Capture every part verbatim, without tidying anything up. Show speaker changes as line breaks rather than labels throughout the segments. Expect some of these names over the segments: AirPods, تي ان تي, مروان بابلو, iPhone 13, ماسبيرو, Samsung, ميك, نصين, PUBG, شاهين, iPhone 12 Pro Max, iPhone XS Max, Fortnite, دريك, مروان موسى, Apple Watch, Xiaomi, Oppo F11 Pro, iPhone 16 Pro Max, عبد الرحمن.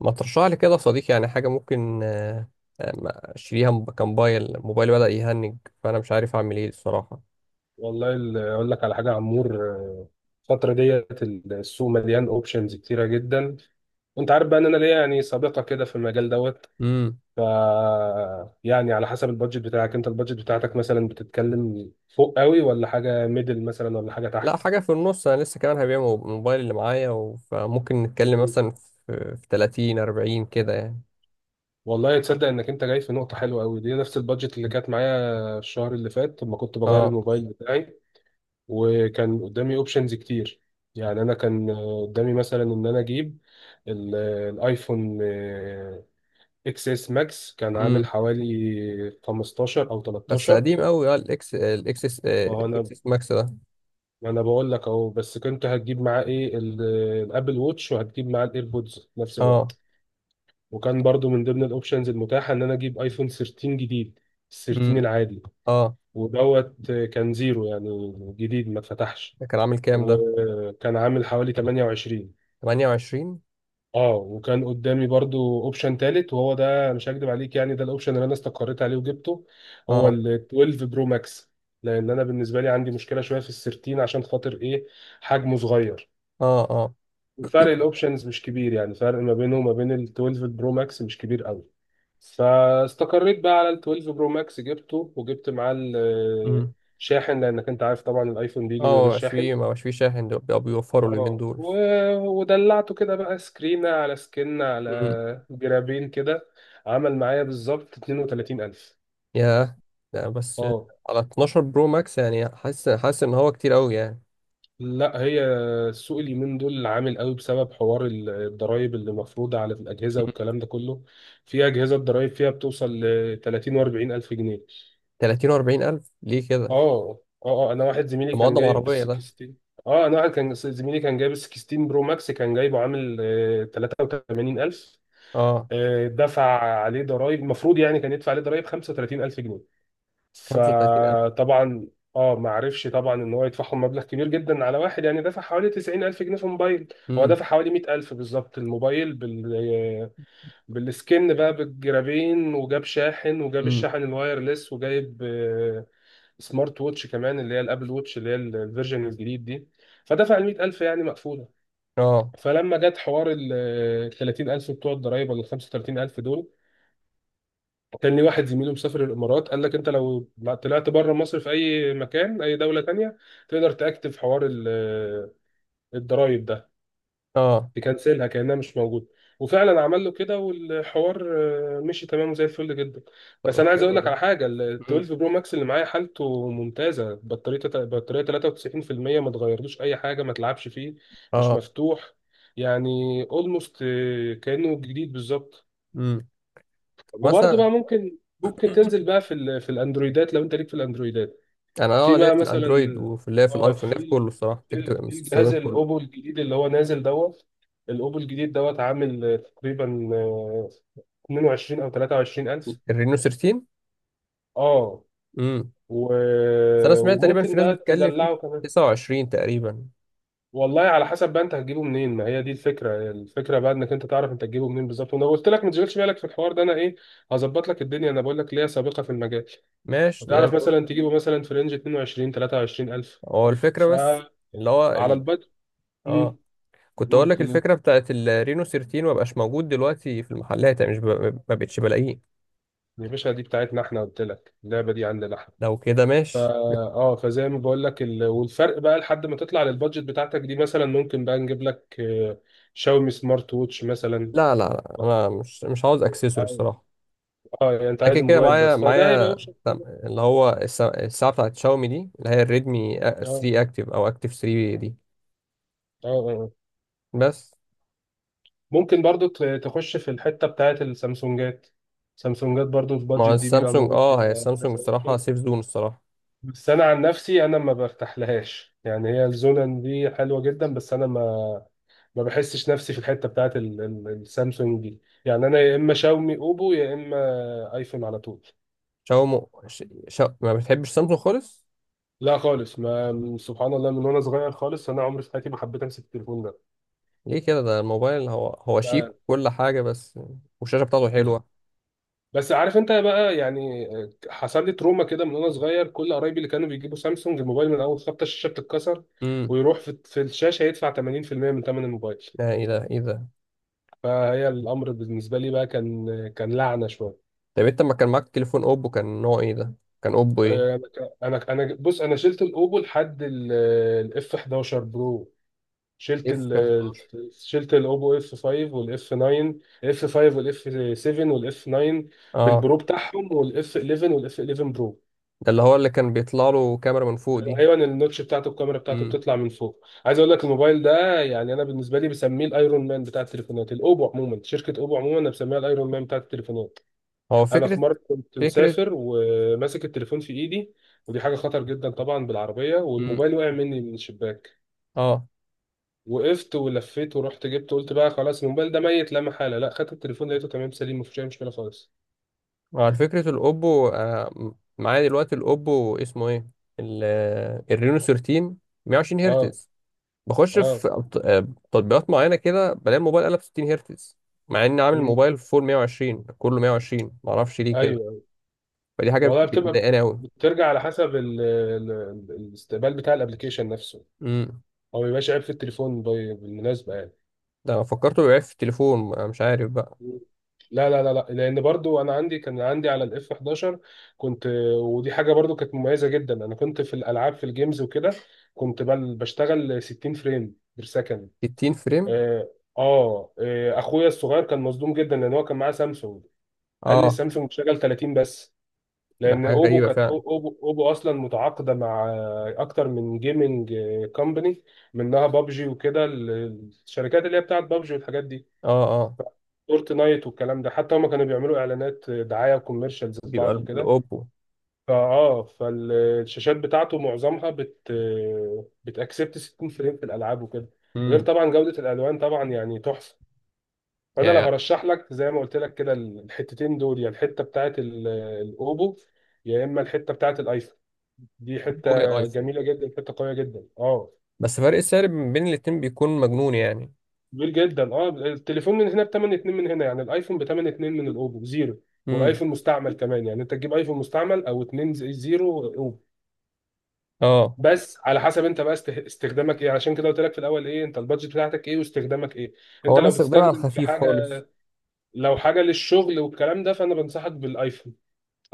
ما ترشح لي كده يا صديقي، يعني حاجة ممكن، آه، آه، ما أشتريها، م- كموبايل، موبايلي بدأ يهنج. فأنا مش عارف أعمل إيه الصراحة.
والله ال- اقول لك على حاجه يا عمور، آه، الفتره ديت السوق مليان اوبشنز كتيره جدا. وانت عارف بقى ان انا ليا يعني سابقه كده في المجال دوت.
امم.
ف يعني على حسب البادجت بتاعك، انت البادجت بتاعتك مثلا بتتكلم فوق قوي، ولا حاجه ميدل مثلا، ولا حاجه
لا،
تحت؟
حاجة في النص. أنا لسه كمان هبيع مو- الموبايل اللي معايا، و- فممكن نتكلم مثلا في في تلاتين اربعين كده يعني.
والله تصدق انك انت جاي في نقطه حلوه قوي، دي نفس البادجت اللي كانت معايا الشهر اللي فات لما كنت بغير
اه.
الموبايل بتاعي. وكان قدامي اوبشنز كتير. يعني انا كان آه، قدامي مثلا ان انا اجيب ال- الايفون اكس اس ماكس، كان عامل
امم.
حوالي خمستاشر او
بس
تلتاشر.
قديم قوي، اه، الإكس الإكسس آه،
فانا
الإكسس ماكس ده.
انا بقول لك اهو، بس كنت هتجيب معاه ايه؟ ال- الابل ووتش، وهتجيب معاه الايربودز في نفس
اه.
الوقت. وكان برضو من ضمن الاوبشنز المتاحه ان انا اجيب ايفون تلتاشر جديد، تلتاشر
امم.
العادي
اه،
ودوت. آه، كان زيرو يعني جديد ما اتفتحش،
ده كان عامل كام ده؟
وكان عامل حوالي تمنية وعشرين.
ثمانية وعشرين؟
اه. وكان قدامي برضو اوبشن تالت، وهو ده مش هكدب عليك يعني ده الاوبشن اللي انا استقريت عليه وجبته، هو
اه.
ال اثنا عشر برو ماكس. لان انا بالنسبه لي عندي مشكله شويه في السيرتين عشان خاطر ايه؟ حجمه صغير.
اه. اه.
وفرق الاوبشنز مش كبير، يعني فرق ما بينه وما بين ال اثنا عشر برو ماكس مش كبير قوي. فاستقريت بقى على ال اتناشر برو ماكس، جبته وجبت معاه
امم.
الشاحن، لانك انت عارف طبعا الايفون بيجي من
اه. ما
غير
بقاش
شاحن.
فيه، ما بقاش فيه شاحن، دول بيوفروا اليومين
اه،
دول.
و- ودلعته كده بقى سكرينة على سكنة على جرابين كده. عمل معايا بالظبط اتنين وتلاتين الف.
يا! لا، بس.
اه.
على اتناشر برو ماكس؟ يعني حاسس حاسس ان هو كتير قوي يعني.
لا، هي السوق اليومين دول عامل قوي بسبب حوار ال- الضرايب اللي مفروضة على الأجهزة والكلام ده كله. في أجهزة الضرايب فيها بتوصل ل تلاتين و40 ألف جنيه.
تلاتين و اربعين الف؟ ليه كده؟
اه اه اه. انا واحد زميلي
ده
كان
مقدم
جايب بال
عربيه ده!
ستاشر. اه، انا واحد كان زميلي كان جايب ال ستاشر برو ماكس، كان جايبه عامل آه، تمنية وتلاتين الف.
اه.
آه، دفع عليه ضرائب، المفروض يعني كان يدفع عليه ضرائب خمسة وتلاتين الف جنيه.
خمسة وتلاتين الف!
فطبعا، اه، ما عرفش طبعا ان هو يدفعهم مبلغ كبير جدا على واحد. يعني دفع حوالي تسعين ألف جنيه في موبايل. هو
امم.
دفع حوالي مئة ألف بالظبط الموبايل بال بالسكن بقى، بالجرابين، وجاب شاحن، وجاب
امم.
الشاحن الوايرلس، وجايب آه، سمارت ووتش كمان، اللي هي الابل ووتش، اللي هي ال- الفيرجن الجديد دي. فدفع ال مية ألف يعني مقفولة.
اه.
فلما جت حوار ال تلاتين الف بتوع الضرايب ولا ال خمسة وتلاتين الف دول، كان واحد زميله مسافر الامارات قال لك انت لو طلعت بره مصر في اي مكان، اي دوله تانية، تقدر تاكتف حوار ال- آه، الضرايب ده،
اه.
تكنسلها كانها مش موجوده. وفعلا عمل له كده، والحوار آه، مشي تمام زي الفل جدا. بس
طب
انا عايز اقول
حلو
لك
ده.
على حاجه، ال
امم.
اثنا عشر برو ماكس اللي معايا حالته ممتازه، بطاريه بطاريه تلاتة وتسعين في المية، ما تغيرلوش اي حاجه، ما تلعبش فيه، مش
اه.
مفتوح يعني. اولموست كانه جديد بالظبط.
امم. طب،
وبرضه
مثلا.
بقى ممكن ممكن تنزل بقى في ال... في الاندرويدات لو انت ليك في الاندرويدات.
انا،
في
اه ليا
بقى
في
مثلا،
الاندرويد، وفي، ليا في
اه،
الايفون، ليا في كله
في
الصراحه،
في
فكره
في
الاستخدام
الجهاز
كله.
الاوبو الجديد اللي هو نازل دوت. الاوبو الجديد دوت عامل آه، تقريبا، آه، اتنين وعشرين او تلاتة وعشرين الف.
الرينو تلتاشر.
اه،
امم.
و...
بس انا سمعت تقريبا في
وممكن
ناس
بقى
بتتكلم فيه ب
تدلعه كمان.
تسعة وعشرين تقريبا.
والله على حسب بقى انت هتجيبه منين، ما هي دي الفكره. الفكره بقى انك انت تعرف انت هتجيبه منين بالظبط، وانا قلت لك ما تشغلش بالك في الحوار ده، انا ايه؟ هظبط لك الدنيا، انا بقول لك ليا سابقه في المجال.
ماشي، ده
وتعرف
الفل.
مثلا تجيبه مثلا في رينج اتنين وعشرين تلاتة وعشرين الف.
هو الفكره بس،
فعلى
اللي هو ال...
البدء.
اه،
امم.
كنت اقول
قلت
لك
له
الفكره بتاعت الرينو تلتاشر ما بقاش موجود دلوقتي في المحلات، يعني مش ب... ما بقتش بلاقيه.
يا باشا دي بتاعتنا احنا، قلت لك اللعبه دي عندنا احنا.
لو كده
فا
ماشي.
اه فزي ما بقول لك، ال... والفرق بقى لحد ما تطلع للبادجت بتاعتك دي مثلا، ممكن بقى نجيب لك آه، شاومي سمارت ووتش مثلا.
لا، لا، لا، انا مش مش عاوز اكسسوري
اه.
الصراحه.
آه، يعني انت
انا كده
عايز
كده
موبايل
معايا،
بس، فده هيبقى
معايا
اوبشن.
سم- اللي هو الس- الساعه بتاعت شاومي دي، اللي هي الريدمي
اه
تلاتة اكتف، او اكتف تلاتة دي.
اه آه.
بس.
ممكن برضو ت- تخش في الحته بتاعت السامسونجات. سامسونجات برضو
ما هو
البادجت دي بيبقى
السامسونج،
موجود
اه، هي
فيها
السامسونج
كذا
الصراحه
option.
سيف زون الصراحه.
بس انا عن نفسي انا ما برتاحلهاش، يعني هي الزونن دي حلوه جدا، بس انا ما ما بحسش نفسي في الحته بتاعت ال- ال- السامسونج دي. يعني انا يا اما شاومي اوبو، يا اما ايفون على طول.
شاومي. ش... ش... ما بتحبش سامسونج خالص؟
لا خالص، ما سبحان الله، من وانا صغير خالص انا عمري في حياتي ما حبيت امسك التليفون ده
ليه كده؟ ده الموبايل هو هو شيك
يعني.
وكل حاجه، بس. والشاشه بتاعته حلوه.
بس عارف انت بقى، يعني، آه، حصل لي تروما كده من وانا صغير، كل قرايبي اللي كانوا بيجيبوا سامسونج الموبايل من اول خبطه الشاشه بتتكسر،
امم.
ويروح في في الشاشه يدفع تمانين في المية من ثمن الموبايل.
لا، ايه ده، ايه ده!
فهي الامر بالنسبه لي بقى كان كان لعنه شويه.
طب انت ما كان معاك تليفون اوبو، كان نوع ايه ده؟ كان اوبو ايه؟
آه، انا انا أنا- بص، انا شلت الاوبو لحد الاف أحد عشر برو. شلت
اف.
ال شلت الاوبو اف خمسة والاف تسعة، اف خمسة والاف سبعة والاف تسعة
اه.
بالبرو بتاعهم، والاف حداشر والاف حداشر برو.
ده اللي هو اللي كان بيطلع له كاميرا من فوق دي؟
ايوه، النوتش بتاعته، الكاميرا بتاعته
امم.
بتطلع من فوق. عايز اقول لك الموبايل ده، يعني انا بالنسبه لي بسميه الايرون مان بتاع التليفونات. الاوبو عموما، شركه اوبو عموما، انا بسميها الايرون مان بتاع التليفونات.
هو
انا في
فكرة.
مره كنت
فكرة.
مسافر وماسك التليفون في ايدي، ودي حاجه خطر جدا طبعا، بالعربيه،
امم.
والموبايل وقع مني من الشباك.
اه.
وقفت ولفيت ورحت جبته، قلت بقى خلاص الموبايل ده ميت لا محاله. لا، خدت التليفون لقيته تمام سليم، مفيش اي مشكله خالص.
على فكرة الاوبو، آه م- معايا دلوقتي الاوبو، اسمه ايه؟ ال- آه، الرينو تلتاشر. مية وعشرين
اه.
هرتز. بخش
اه.
في أبط- آه، تطبيقات معينة كده، بلاقي الموبايل قلب ستين هرتز، مع اني عامل
امم.
الموبايل فول مائة وعشرين، كله مائة وعشرين، معرفش ليه كده.
ايوه، أيوة.
فدي حاجة
والله
بت-
بتبقى،
مضايقاني
بترجع على حسب ال ال ال- الاستقبال بتاع الابلكيشن نفسه،
قوي.
هو ما بيبقاش عيب في التليفون، بي- بالمناسبه يعني.
ده انا فكرته بيعرف في التليفون، أنا مش عارف بقى.
لا لا لا لا، لان برضو انا عندي، كان عندي على الاف حداشر، كنت، ودي حاجه برضو كانت مميزه جدا. انا كنت في الالعاب في الجيمز وكده، كنت بل بشتغل ستين فريم بير سكند.
ستين فريم.
اه. آه، آه، اخويا الصغير كان مصدوم جدا، لان هو كان معاه سامسونج. قال لي
اه.
السامسونج بتشتغل تلاتين بس، لان
حاجه
اوبو
غريبه
كانت أو-
فعلا.
اوبو اوبو اصلا متعاقده مع آه، اكتر من جيمنج كومباني، منها بابجي وكده، ال- الشركات اللي هي بتاعت بابجي والحاجات دي،
اه. اه.
فورتنايت والكلام ده، حتى هما كانوا بيعملوا اعلانات دعايه وكوميرشالز
بيبقى
لبعض
ال-
وكده.
الاوبو.
فاه فالشاشات بتاعته معظمها بت بتاكسبت ستين فريم في الالعاب وكده، غير
امم.
طبعا جوده الالوان طبعا يعني تحفه.
يا
فانا لو
يا
هرشح لك زي ما قلت لك كده الحتتين دول، يا الحته بتاعت ال- الاوبو، يا اما الحته بتاعت الايفون، دي حته
اوبو، يا ايفون.
جميله جدا، حته قويه جدا. اه.
بس فرق السعر من بين الاتنين بيكون مجنون يعني.
كبير جدا، اه، التليفون من هنا بتمن اتنين، من هنا يعني الايفون بتمن اتنين، من الاوبو زيرو.
امم.
والايفون مستعمل كمان يعني، انت تجيب ايفون مستعمل او اتنين زي- زيرو اوبو.
اه.
بس على حسب انت بقى است- استخدامك ايه، عشان كده قلت لك في الاول ايه انت البادجت بتاعتك ايه، واستخدامك ايه.
هو
انت
انا
لو
استخدامي على
بتستخدم في
الخفيف
حاجه،
خالص.
لو حاجه للشغل والكلام ده، فانا بنصحك بالايفون.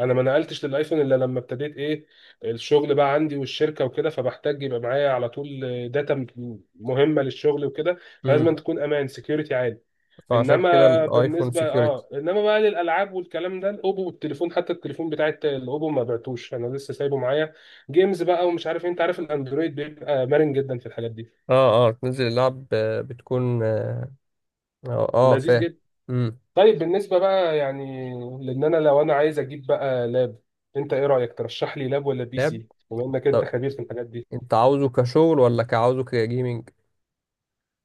انا ما نقلتش للايفون الا لما ابتديت ايه؟ الشغل بقى عندي والشركه وكده، فبحتاج يبقى معايا على طول داتا مهمه للشغل وكده، فلازم
امم.
تكون امان سكيورتي عالي.
فعشان كده
انما
الايفون
بالنسبه،
سكيورتي.
اه، انما بقى للالعاب والكلام ده، الاوبو، والتليفون، حتى التليفون بتاع الت- الاوبو ما بعتوش، انا لسه سايبه معايا جيمز بقى ومش عارف إيه. انت عارف الاندرويد بيبقى مرن جدا في الحاجات دي،
اه، اه، تنزل اللعب، آه، بتكون، اه. اه، آه،
لذيذ
فاهم.
جدا.
امم.
طيب، بالنسبه بقى يعني، لان انا لو انا عايز اجيب بقى لاب، انت ايه رايك؟ ترشح لي لاب ولا بي
لاب.
سي بما انك انت
طب
خبير في الحاجات دي؟
انت عاوزه كشغل ولا كعاوزه كجيمنج؟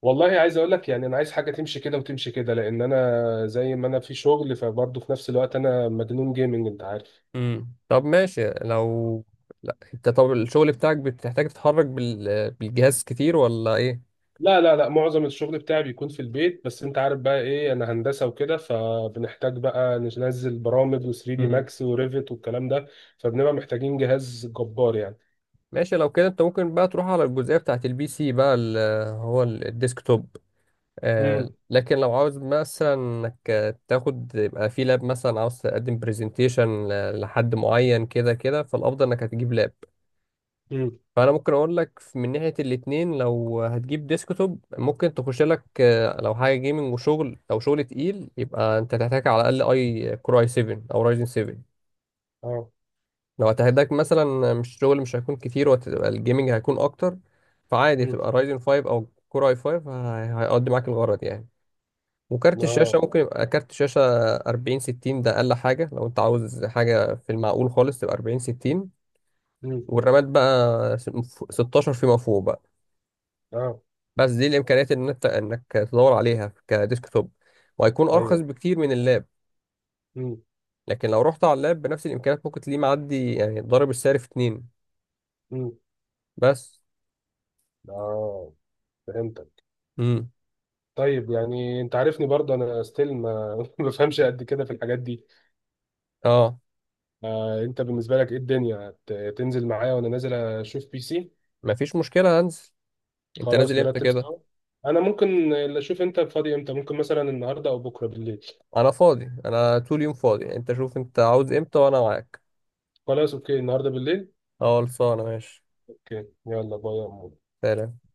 والله عايز اقول لك، يعني انا عايز حاجه تمشي كده وتمشي كده، لان انا زي ما انا في شغل، فبرضه في نفس الوقت انا مجنون جيمنج، انت عارف.
امم. طب ماشي، لو لا، انت طب الشغل بتاعك بتحتاج تتحرك بال... بالجهاز كتير ولا ايه؟
لا لا لا، معظم الشغل بتاعي بيكون في البيت، بس انت عارف بقى ايه، انا هندسة وكده، فبنحتاج بقى ننزل برامج و3 دي
امم.
ماكس وريفت والكلام ده، فبنبقى محتاجين جهاز جبار يعني.
ماشي، لو كده انت ممكن بقى تروح على الجزئية بتاعت البي سي بقى، ال- هو ال- الديسكتوب. آه
امم.
لكن لو عاوز مثلا انك تاخد، يبقى في لاب، مثلا عاوز تقدم برزنتيشن لحد معين كده كده، فالافضل انك هتجيب لاب.
امم.
فانا ممكن اقول لك من ناحيه الاتنين. لو هتجيب ديسكتوب، ممكن تخش لك، آه، لو حاجه جيمنج وشغل، او شغل تقيل، يبقى انت تحتاج على الاقل اي كور اي سبعة، او رايزن سبعة.
اه.
لو هتحتاج مثلا مش شغل مش هيكون كتير، وهتبقى الجيمنج هيكون اكتر، فعادي
امم.
تبقى رايزن خمسة، او كور اي خمسة. هي- هيقضي معاك الغرض يعني. وكارت الشاشه
اه.
ممكن يبقى كارت شاشه اربعين ستين. ده اقل حاجه، لو انت عاوز حاجه في المعقول خالص، تبقى أربعين ستين.
امم.
والرامات بقى ستاشر فيما فوق.
اه.
بس دي الامكانيات ان انت انك تدور عليها كديسك توب، وهيكون ارخص
ايوه.
بكتير من اللاب.
امم.
لكن لو رحت على اللاب بنفس الامكانيات، ممكن تلاقيه معدي يعني، ضارب السعر في اتنين.
امم.
بس.
اه. فهمتك.
امم.
طيب، يعني انت عارفني برضه انا ستيل ما ما بفهمش قد كده في الحاجات دي.
اه.
آه، انت بالنسبة لك ايه الدنيا، هت- تنزل معايا وانا نازل اشوف بي سي؟
مفيش مشكله، هنزل. انت
خلاص،
نازل امتى
نرتب
كده؟
سوا. انا ممكن اللي اشوف انت فاضي امتى، ممكن مثلا النهارده او بكره بالليل.
انا فاضي، انا طول يوم فاضي، انت شوف انت عاوز امتى وانا معاك.
خلاص، اوكي النهارده بالليل.
اه، خلصانه، ماشي.
اوكي، يلا باي يا عمو.
سلام.